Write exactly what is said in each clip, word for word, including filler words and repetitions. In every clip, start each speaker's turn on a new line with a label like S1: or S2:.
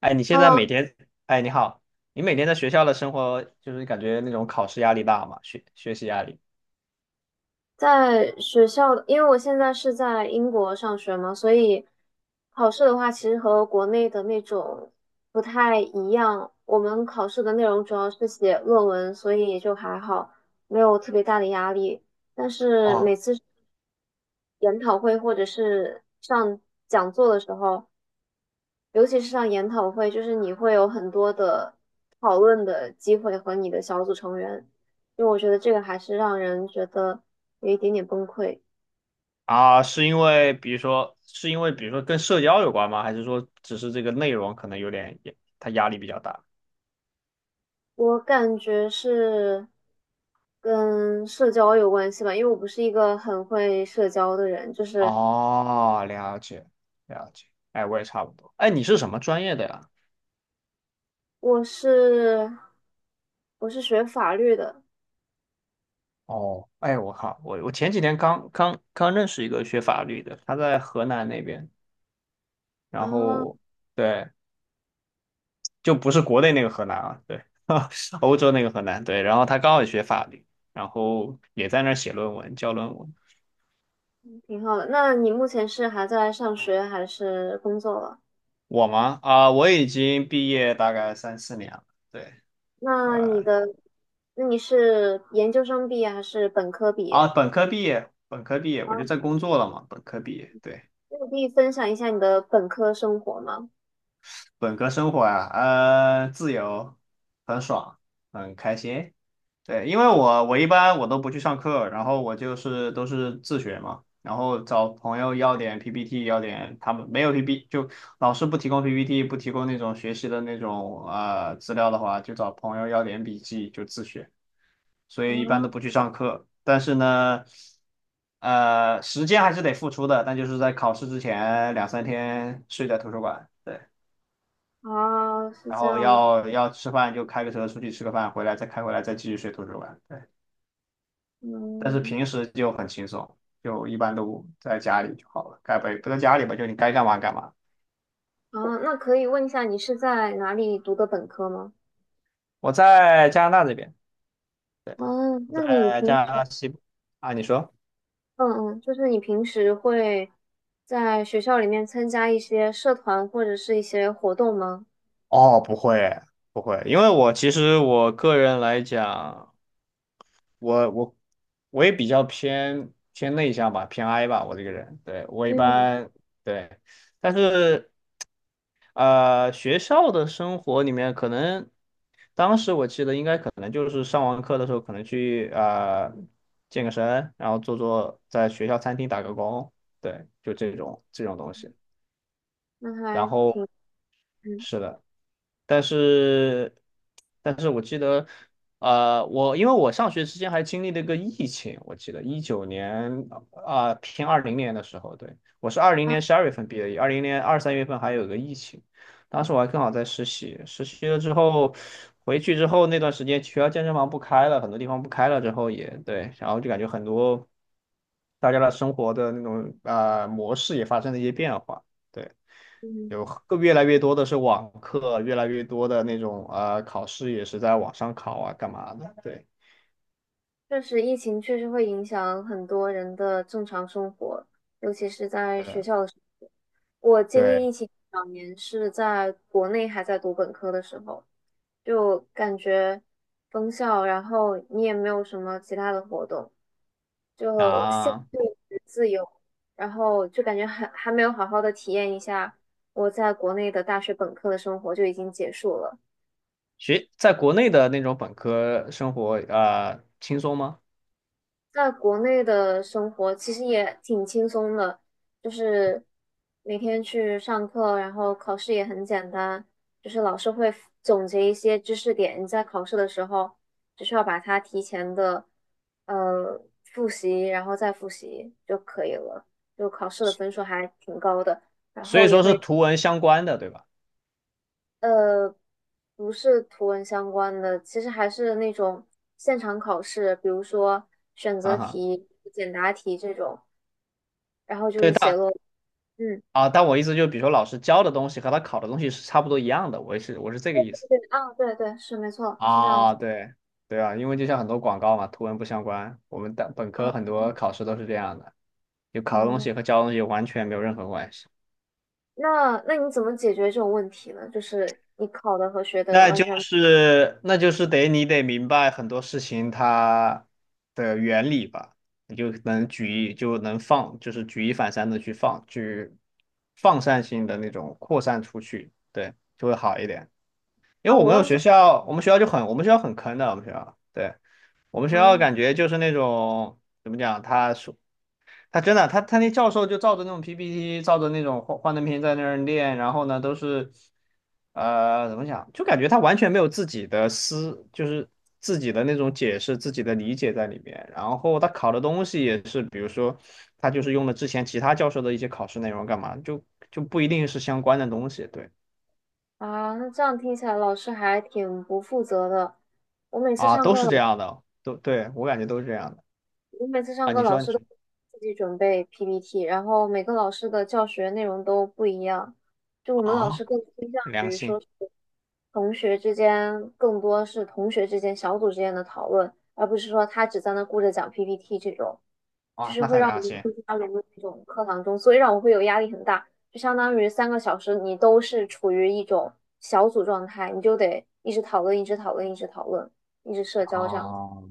S1: 哎，你现在每
S2: Hello，
S1: 天，哎，你好，你每天在学校的生活，就是感觉那种考试压力大吗？学学习压力？
S2: 在学校的，因为我现在是在英国上学嘛，所以考试的话，其实和国内的那种不太一样。我们考试的内容主要是写论文，所以也就还好，没有特别大的压力。但是每
S1: 哦
S2: 次研讨会或者是上讲座的时候，尤其是像研讨会，就是你会有很多的讨论的机会和你的小组成员，因为我觉得这个还是让人觉得有一点点崩溃。
S1: 啊，是因为比如说，是因为比如说跟社交有关吗？还是说只是这个内容可能有点，也它压力比较大？
S2: 我感觉是跟社交有关系吧，因为我不是一个很会社交的人，就是
S1: 哦，了解了解，哎，我也差不多。哎，你是什么专业的呀？
S2: 我是我是学法律的
S1: 哦，哎，我靠，我我前几天刚刚刚认识一个学法律的，他在河南那边，然
S2: 啊。
S1: 后对，就不是国内那个河南啊，对，欧洲那个河南，对。然后他刚好也学法律，然后也在那儿写论文，教论文。
S2: 挺好的。那你目前是还在上学还是工作了？
S1: 我吗？啊、我已经毕业大概三四年了，对，我
S2: 那你的，那你是研究生毕业还是本科毕
S1: 啊，
S2: 业？
S1: 本科毕业，本科毕业，我就
S2: 啊，
S1: 在工作了嘛，本科毕业，对，
S2: 那你可以分享一下你的本科生活吗？
S1: 本科生活啊，呃，自由，很爽，很开心。对，因为我我一般我都不去上课，然后我就是都是自学嘛，然后找朋友要点 P P T，要点他们没有 P P T 就老师不提供 P P T，不提供那种学习的那种呃资料的话，就找朋友要点笔记就自学，所以一般
S2: 啊
S1: 都不去上课。但是呢，呃，时间还是得付出的，但就是在考试之前两三天睡在图书馆，对，
S2: 啊，是
S1: 然
S2: 这
S1: 后
S2: 样子，
S1: 要要吃饭就开个车出去吃个饭，回来再开回来再继续睡图书馆。对。但是
S2: 嗯。
S1: 平时就很轻松，就一般都在家里就好了，该不不在家里吧，就你该干嘛干嘛。
S2: 啊，那可以问一下你是在哪里读的本科吗？
S1: 我在加拿大这边，对，
S2: 哦，
S1: 我
S2: 那你
S1: 在
S2: 平
S1: 加拿
S2: 时，
S1: 大西部啊，你说？
S2: 嗯嗯，就是你平时会在学校里面参加一些社团或者是一些活动吗？
S1: 哦，不会不会，因为我其实我个人来讲。我我我也比较偏偏内向吧，偏 I 吧，我这个人，对，我一
S2: 嗯，
S1: 般对，但是呃，学校的生活里面，可能当时我记得应该可能就是上完课的时候，可能去呃健个身，然后做做在学校餐厅打个工，对，就这种这种东西，
S2: 那还
S1: 然后
S2: 挺，嗯
S1: 是的。但是，但是我记得，呃，我因为我上学期间还经历了一个疫情，我记得一九年啊、偏二零年的时候，对，我是二零
S2: 啊，
S1: 年十二月份毕业，二零年二三月份还有个疫情，当时我还刚好在实习，实习了之后回去之后那段时间，学校健身房不开了，很多地方不开了之后也对，然后就感觉很多大家的生活的那种啊、呃模式也发生了一些变化。对。
S2: 嗯。
S1: 有更越来越多的是网课，越来越多的那种呃考试也是在网上考啊，干嘛的？对，
S2: 确实，疫情确实会影响很多人的正常生活，尤其是在
S1: 对
S2: 学
S1: 的，
S2: 校的时候。我经历
S1: 对
S2: 疫情两年是在国内还在读本科的时候，就感觉封校，然后你也没有什么其他的活动，就限制
S1: 啊，
S2: 你的自由，然后就感觉还还没有好好的体验一下我在国内的大学本科的生活就已经结束了。
S1: 学在国内的那种本科生活呃轻松吗？
S2: 在国内的生活其实也挺轻松的，就是每天去上课，然后考试也很简单，就是老师会总结一些知识点，你在考试的时候只需要把它提前的呃复习，然后再复习就可以了，就考试的分数还挺高的，然
S1: 所
S2: 后
S1: 以
S2: 也
S1: 说是
S2: 会。
S1: 图文相关的，对吧？
S2: 呃，不是图文相关的，其实还是那种现场考试，比如说选择
S1: 啊哈，
S2: 题、简答题这种，然后就
S1: 对，
S2: 是写
S1: 但
S2: 落。嗯，
S1: 啊，但我意思就比如说老师教的东西和他考的东西是差不多一样的，我也是我是这个意思
S2: 对，啊，对对，是没错，是这样
S1: 啊，
S2: 子。
S1: 对对啊，因为就像很多广告嘛，图文不相关，我们的本科很多考试都是这样的，就考的东
S2: 嗯，
S1: 西和教的东西完全没有任何关系。
S2: 那那你怎么解决这种问题呢？就是你考的和学的
S1: 那
S2: 完
S1: 就
S2: 全。
S1: 是那就是得你得明白很多事情它的原理吧，你就能举一就能放，就是举一反三的去放，去放散性的那种扩散出去，对，就会好一点。因
S2: 啊，
S1: 为我
S2: 我
S1: 们有
S2: 忘记。
S1: 学校，我们学校就很我们学校很坑的，我们学校，对，我们学校
S2: 啊
S1: 感觉就是那种怎么讲，他说。他真的，他他那教授就照着那种 P P T，照着那种幻幻灯片在那儿练，然后呢，都是，呃，怎么讲，就感觉他完全没有自己的思，就是自己的那种解释、自己的理解在里面。然后他考的东西也是，比如说，他就是用了之前其他教授的一些考试内容干嘛，就就不一定是相关的东西。对
S2: 啊，那这样听起来老师还挺不负责的。我每次
S1: 啊，
S2: 上
S1: 都
S2: 课，
S1: 是
S2: 老
S1: 这样的，都对我感觉都是这样的
S2: 我每次上
S1: 啊。
S2: 课
S1: 你
S2: 老
S1: 说你
S2: 师都
S1: 说
S2: 自己准备 P P T，然后每个老师的教学内容都不一样，就我们老
S1: 啊，
S2: 师更倾向
S1: 良心
S2: 同学之间，更多是同学之间、小组之间的讨论，而不是说他只在那顾着讲 P P T 这种，
S1: 啊，那很良心
S2: 他融入这种课堂中，所以让我会有压力很大，就相当于三个小时你都是处于一种小组状态，你就得一直讨论、一直讨论、一直讨论、一直社交这样子。
S1: 啊。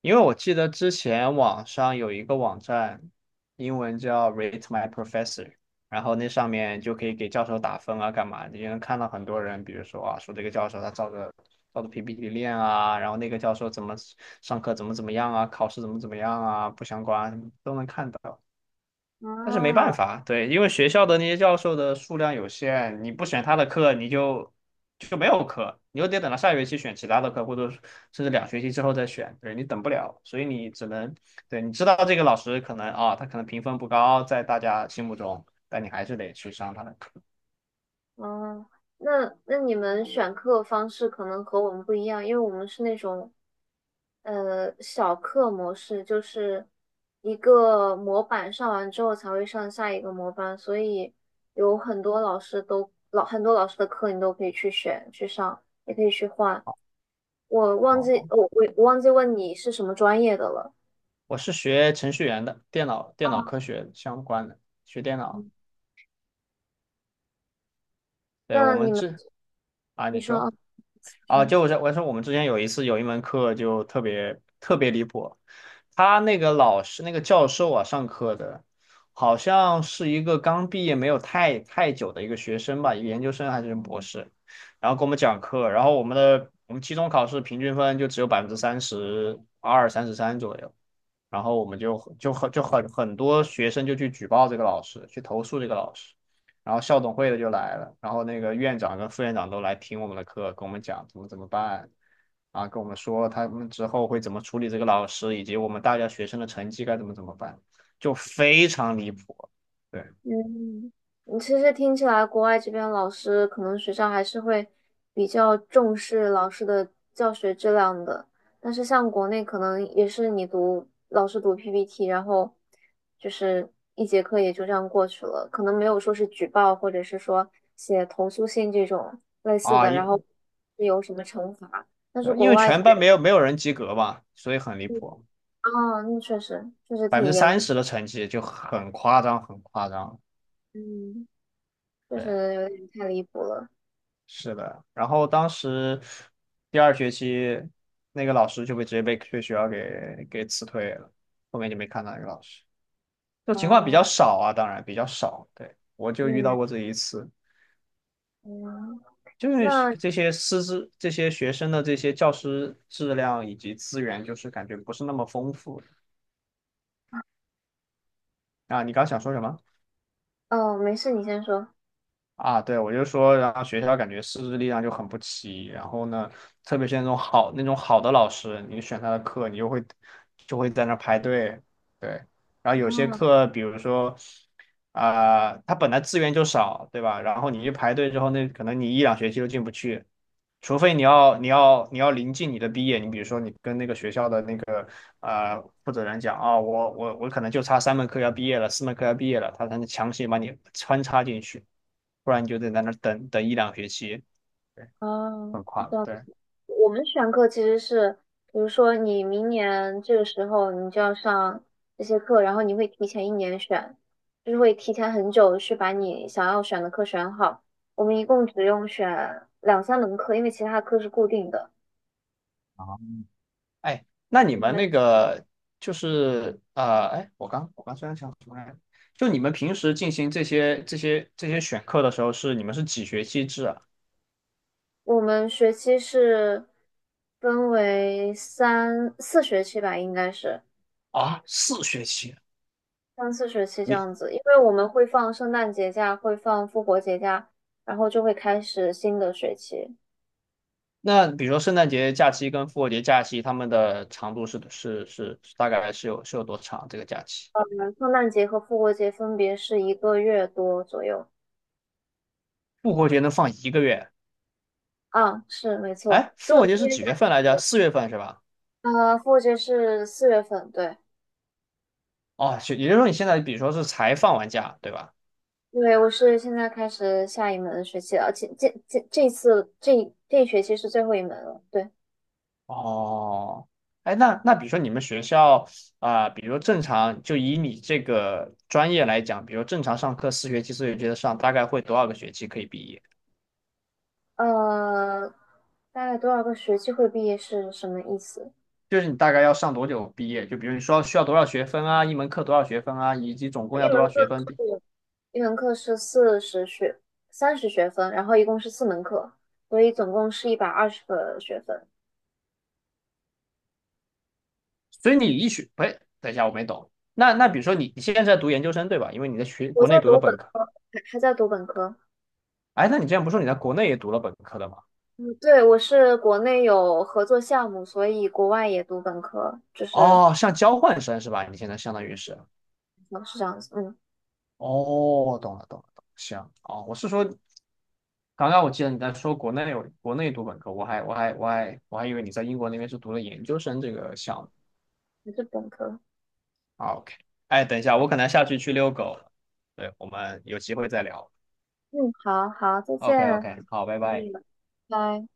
S1: 因为我记得之前网上有一个网站，英文叫 Rate My Professor，然后那上面就可以给教授打分啊，干嘛的？你能看到很多人，比如说啊，说这个教授他照着照着 P P T 练啊，然后那个教授怎么上课怎么怎么样啊，考试怎么怎么样啊，不相关都能看到。但是没办
S2: 啊，
S1: 法，对，因为学校的那些教授的数量有限，你不选他的课，你就就没有课，你又得等到下学期选其他的课，或者是甚至两学期之后再选，对，你等不了，所以你只能，对，你知道这个老师可能啊，他可能评分不高，在大家心目中，但你还是得去上他的课。
S2: 哦，那那你们选课方式可能和我们不一样，因为我们是那种呃小课模式，就是一个模板上完之后才会上下一个模板，所以有很多老师都老很多老师的课你都可以去选去上，也可以去换。我忘记
S1: 哦，
S2: 我我我忘记问你是什么专业的了。
S1: 我是学程序员的，电脑电脑科学相关的，学电脑。对，我
S2: 那你
S1: 们
S2: 们
S1: 这啊，
S2: 你
S1: 你
S2: 说
S1: 说。
S2: 啊，你
S1: 啊，
S2: 说
S1: 就我说我说我们之前有一次有一门课就特别特别离谱，他那个老师那个教授啊上课的，好像是一个刚毕业没有太太久的一个学生吧，研究生还是博士，然后给我们讲课，然后我们的我们期中考试平均分就只有百分之三十二、三十三左右，然后我们就就很就很很多学生就去举报这个老师，去投诉这个老师，然后校董会的就来了，然后那个院长跟副院长都来听我们的课，跟我们讲怎么怎么办，啊，跟我们说他们之后会怎么处理这个老师，以及我们大家学生的成绩该怎么怎么办，就非常离谱，对
S2: 嗯，嗯其实听起来，国外这边老师可能学校还是会比较重视老师的教学质量的，但是像国内可能也是你读老师读 P P T，然后就是一节课也就这样过去了，可能没有说是举报或者是说写投诉信这种类似
S1: 啊，
S2: 的，然后
S1: 因
S2: 是有什么惩罚，但是
S1: 呃因
S2: 国
S1: 为
S2: 外这
S1: 全班
S2: 边。
S1: 没有没有人及格嘛，所以很离谱，
S2: 哦，那确实确实
S1: 百分
S2: 挺
S1: 之
S2: 严。
S1: 三十的成绩就很夸张，很夸张，
S2: 嗯，确
S1: 对。
S2: 实有点太离谱了。
S1: 是的，然后当时第二学期那个老师就被直接被被学校给给辞退了，后面就没看到那个老师。这种情况比
S2: 哦，
S1: 较少啊，当然比较少。对，我就遇到
S2: 嗯
S1: 过这一次，
S2: 嗯。
S1: 就是
S2: 那
S1: 这些师资、这些学生的这些教师质量以及资源，就是感觉不是那么丰富啊。你刚想说什么？
S2: 哦，没事，你先说。
S1: 啊，对，我就说，然后学校感觉师资力量就很不齐，然后呢，特别是那种好那种好的老师，你选他的课，你就会就会在那排队，对，然后有些
S2: 啊
S1: 课，比如说，啊、他本来资源就少，对吧？然后你去排队之后，那可能你一两学期都进不去，除非你要你要你要临近你的毕业，你比如说你跟那个学校的那个呃负责人讲啊、我我我可能就差三门课要毕业了，四门课要毕业了，他才能强行把你穿插进去。不然你就得在那儿等等一两个学期，对，
S2: 啊，
S1: 很快
S2: 是
S1: 了。
S2: 的，
S1: 对，
S2: 我们选课其实是，比如说你明年这个时候你就要上这些课，然后你会提前一年选，就是会提前很久去把你想要选的课选好。我们一共只用选两三门课，因为其他课是固定的。
S1: 啊，哎，那你们
S2: 嗯，
S1: 那个就是呃，哎，我刚我刚虽然想什么来着，就你们平时进行这些这些这些选课的时候是你们是几学期制啊？
S2: 我们学期是分为三四学期吧，应该是。
S1: 啊，四学期。
S2: 三四学期这
S1: 你
S2: 样子，因为我们会放圣诞节假，会放复活节假，然后就会开始新的学期。
S1: 那比如说圣诞节假期跟复活节假期，他们的长度是是是是大概是有是有多长？这个假期
S2: 圣诞节和复活节分别是一个月多左右。
S1: 复活节能放一个月？
S2: 啊，是没错，
S1: 哎，
S2: 就
S1: 复
S2: 我
S1: 活
S2: 们
S1: 节
S2: 这
S1: 是
S2: 边
S1: 几
S2: 下
S1: 月份来着？
S2: 学期。
S1: 四月份是吧？
S2: 呃，复活节是四月份，对。
S1: 哦，就也就是说你现在比如说是才放完假，对吧？
S2: 因为我是现在开始下一门学期了，而且这这这次这这一学期是最后一门了，对。
S1: 哦，哎，那那比如说你们学校啊、比如正常就以你这个专业来讲，比如正常上课四学期四学期的上，大概会多少个学期可以毕业？
S2: 呃，大概多少个学期会毕业是什么意思？
S1: 就是你大概要上多久毕业？就比如你说需要多少学分啊，一门课多少学分啊，以及总共
S2: 一
S1: 要多
S2: 门
S1: 少
S2: 课
S1: 学分比？
S2: 是。一门课是四十学三十学分，然后一共是四门课，所以总共是一百二十个学分。
S1: 所以你一学，哎，等一下，我没懂。那那比如说你你现在在读研究生对吧？因为你在学
S2: 我
S1: 国
S2: 在
S1: 内读了
S2: 读本
S1: 本科，
S2: 科，还还在读本科。
S1: 哎，那你之前不是说你在国内也读了本科的吗？
S2: 嗯，对，我是国内有合作项目，所以国外也读本科，就是
S1: 哦，像交换生是吧？你现在相当于是。
S2: 嗯是这样子，嗯，
S1: 哦，懂了懂了懂了，行哦，我是说，刚刚我记得你在说国内有国内读本科，我还我还我还我还以为你在英国那边是读了研究生这个项目
S2: 还是本科。
S1: 啊，OK，哎，等一下，我可能下去去遛狗了，对，我们有机会再聊
S2: 嗯，好好，再见，
S1: ，OK OK，好，拜
S2: 嗯。
S1: 拜。
S2: 拜。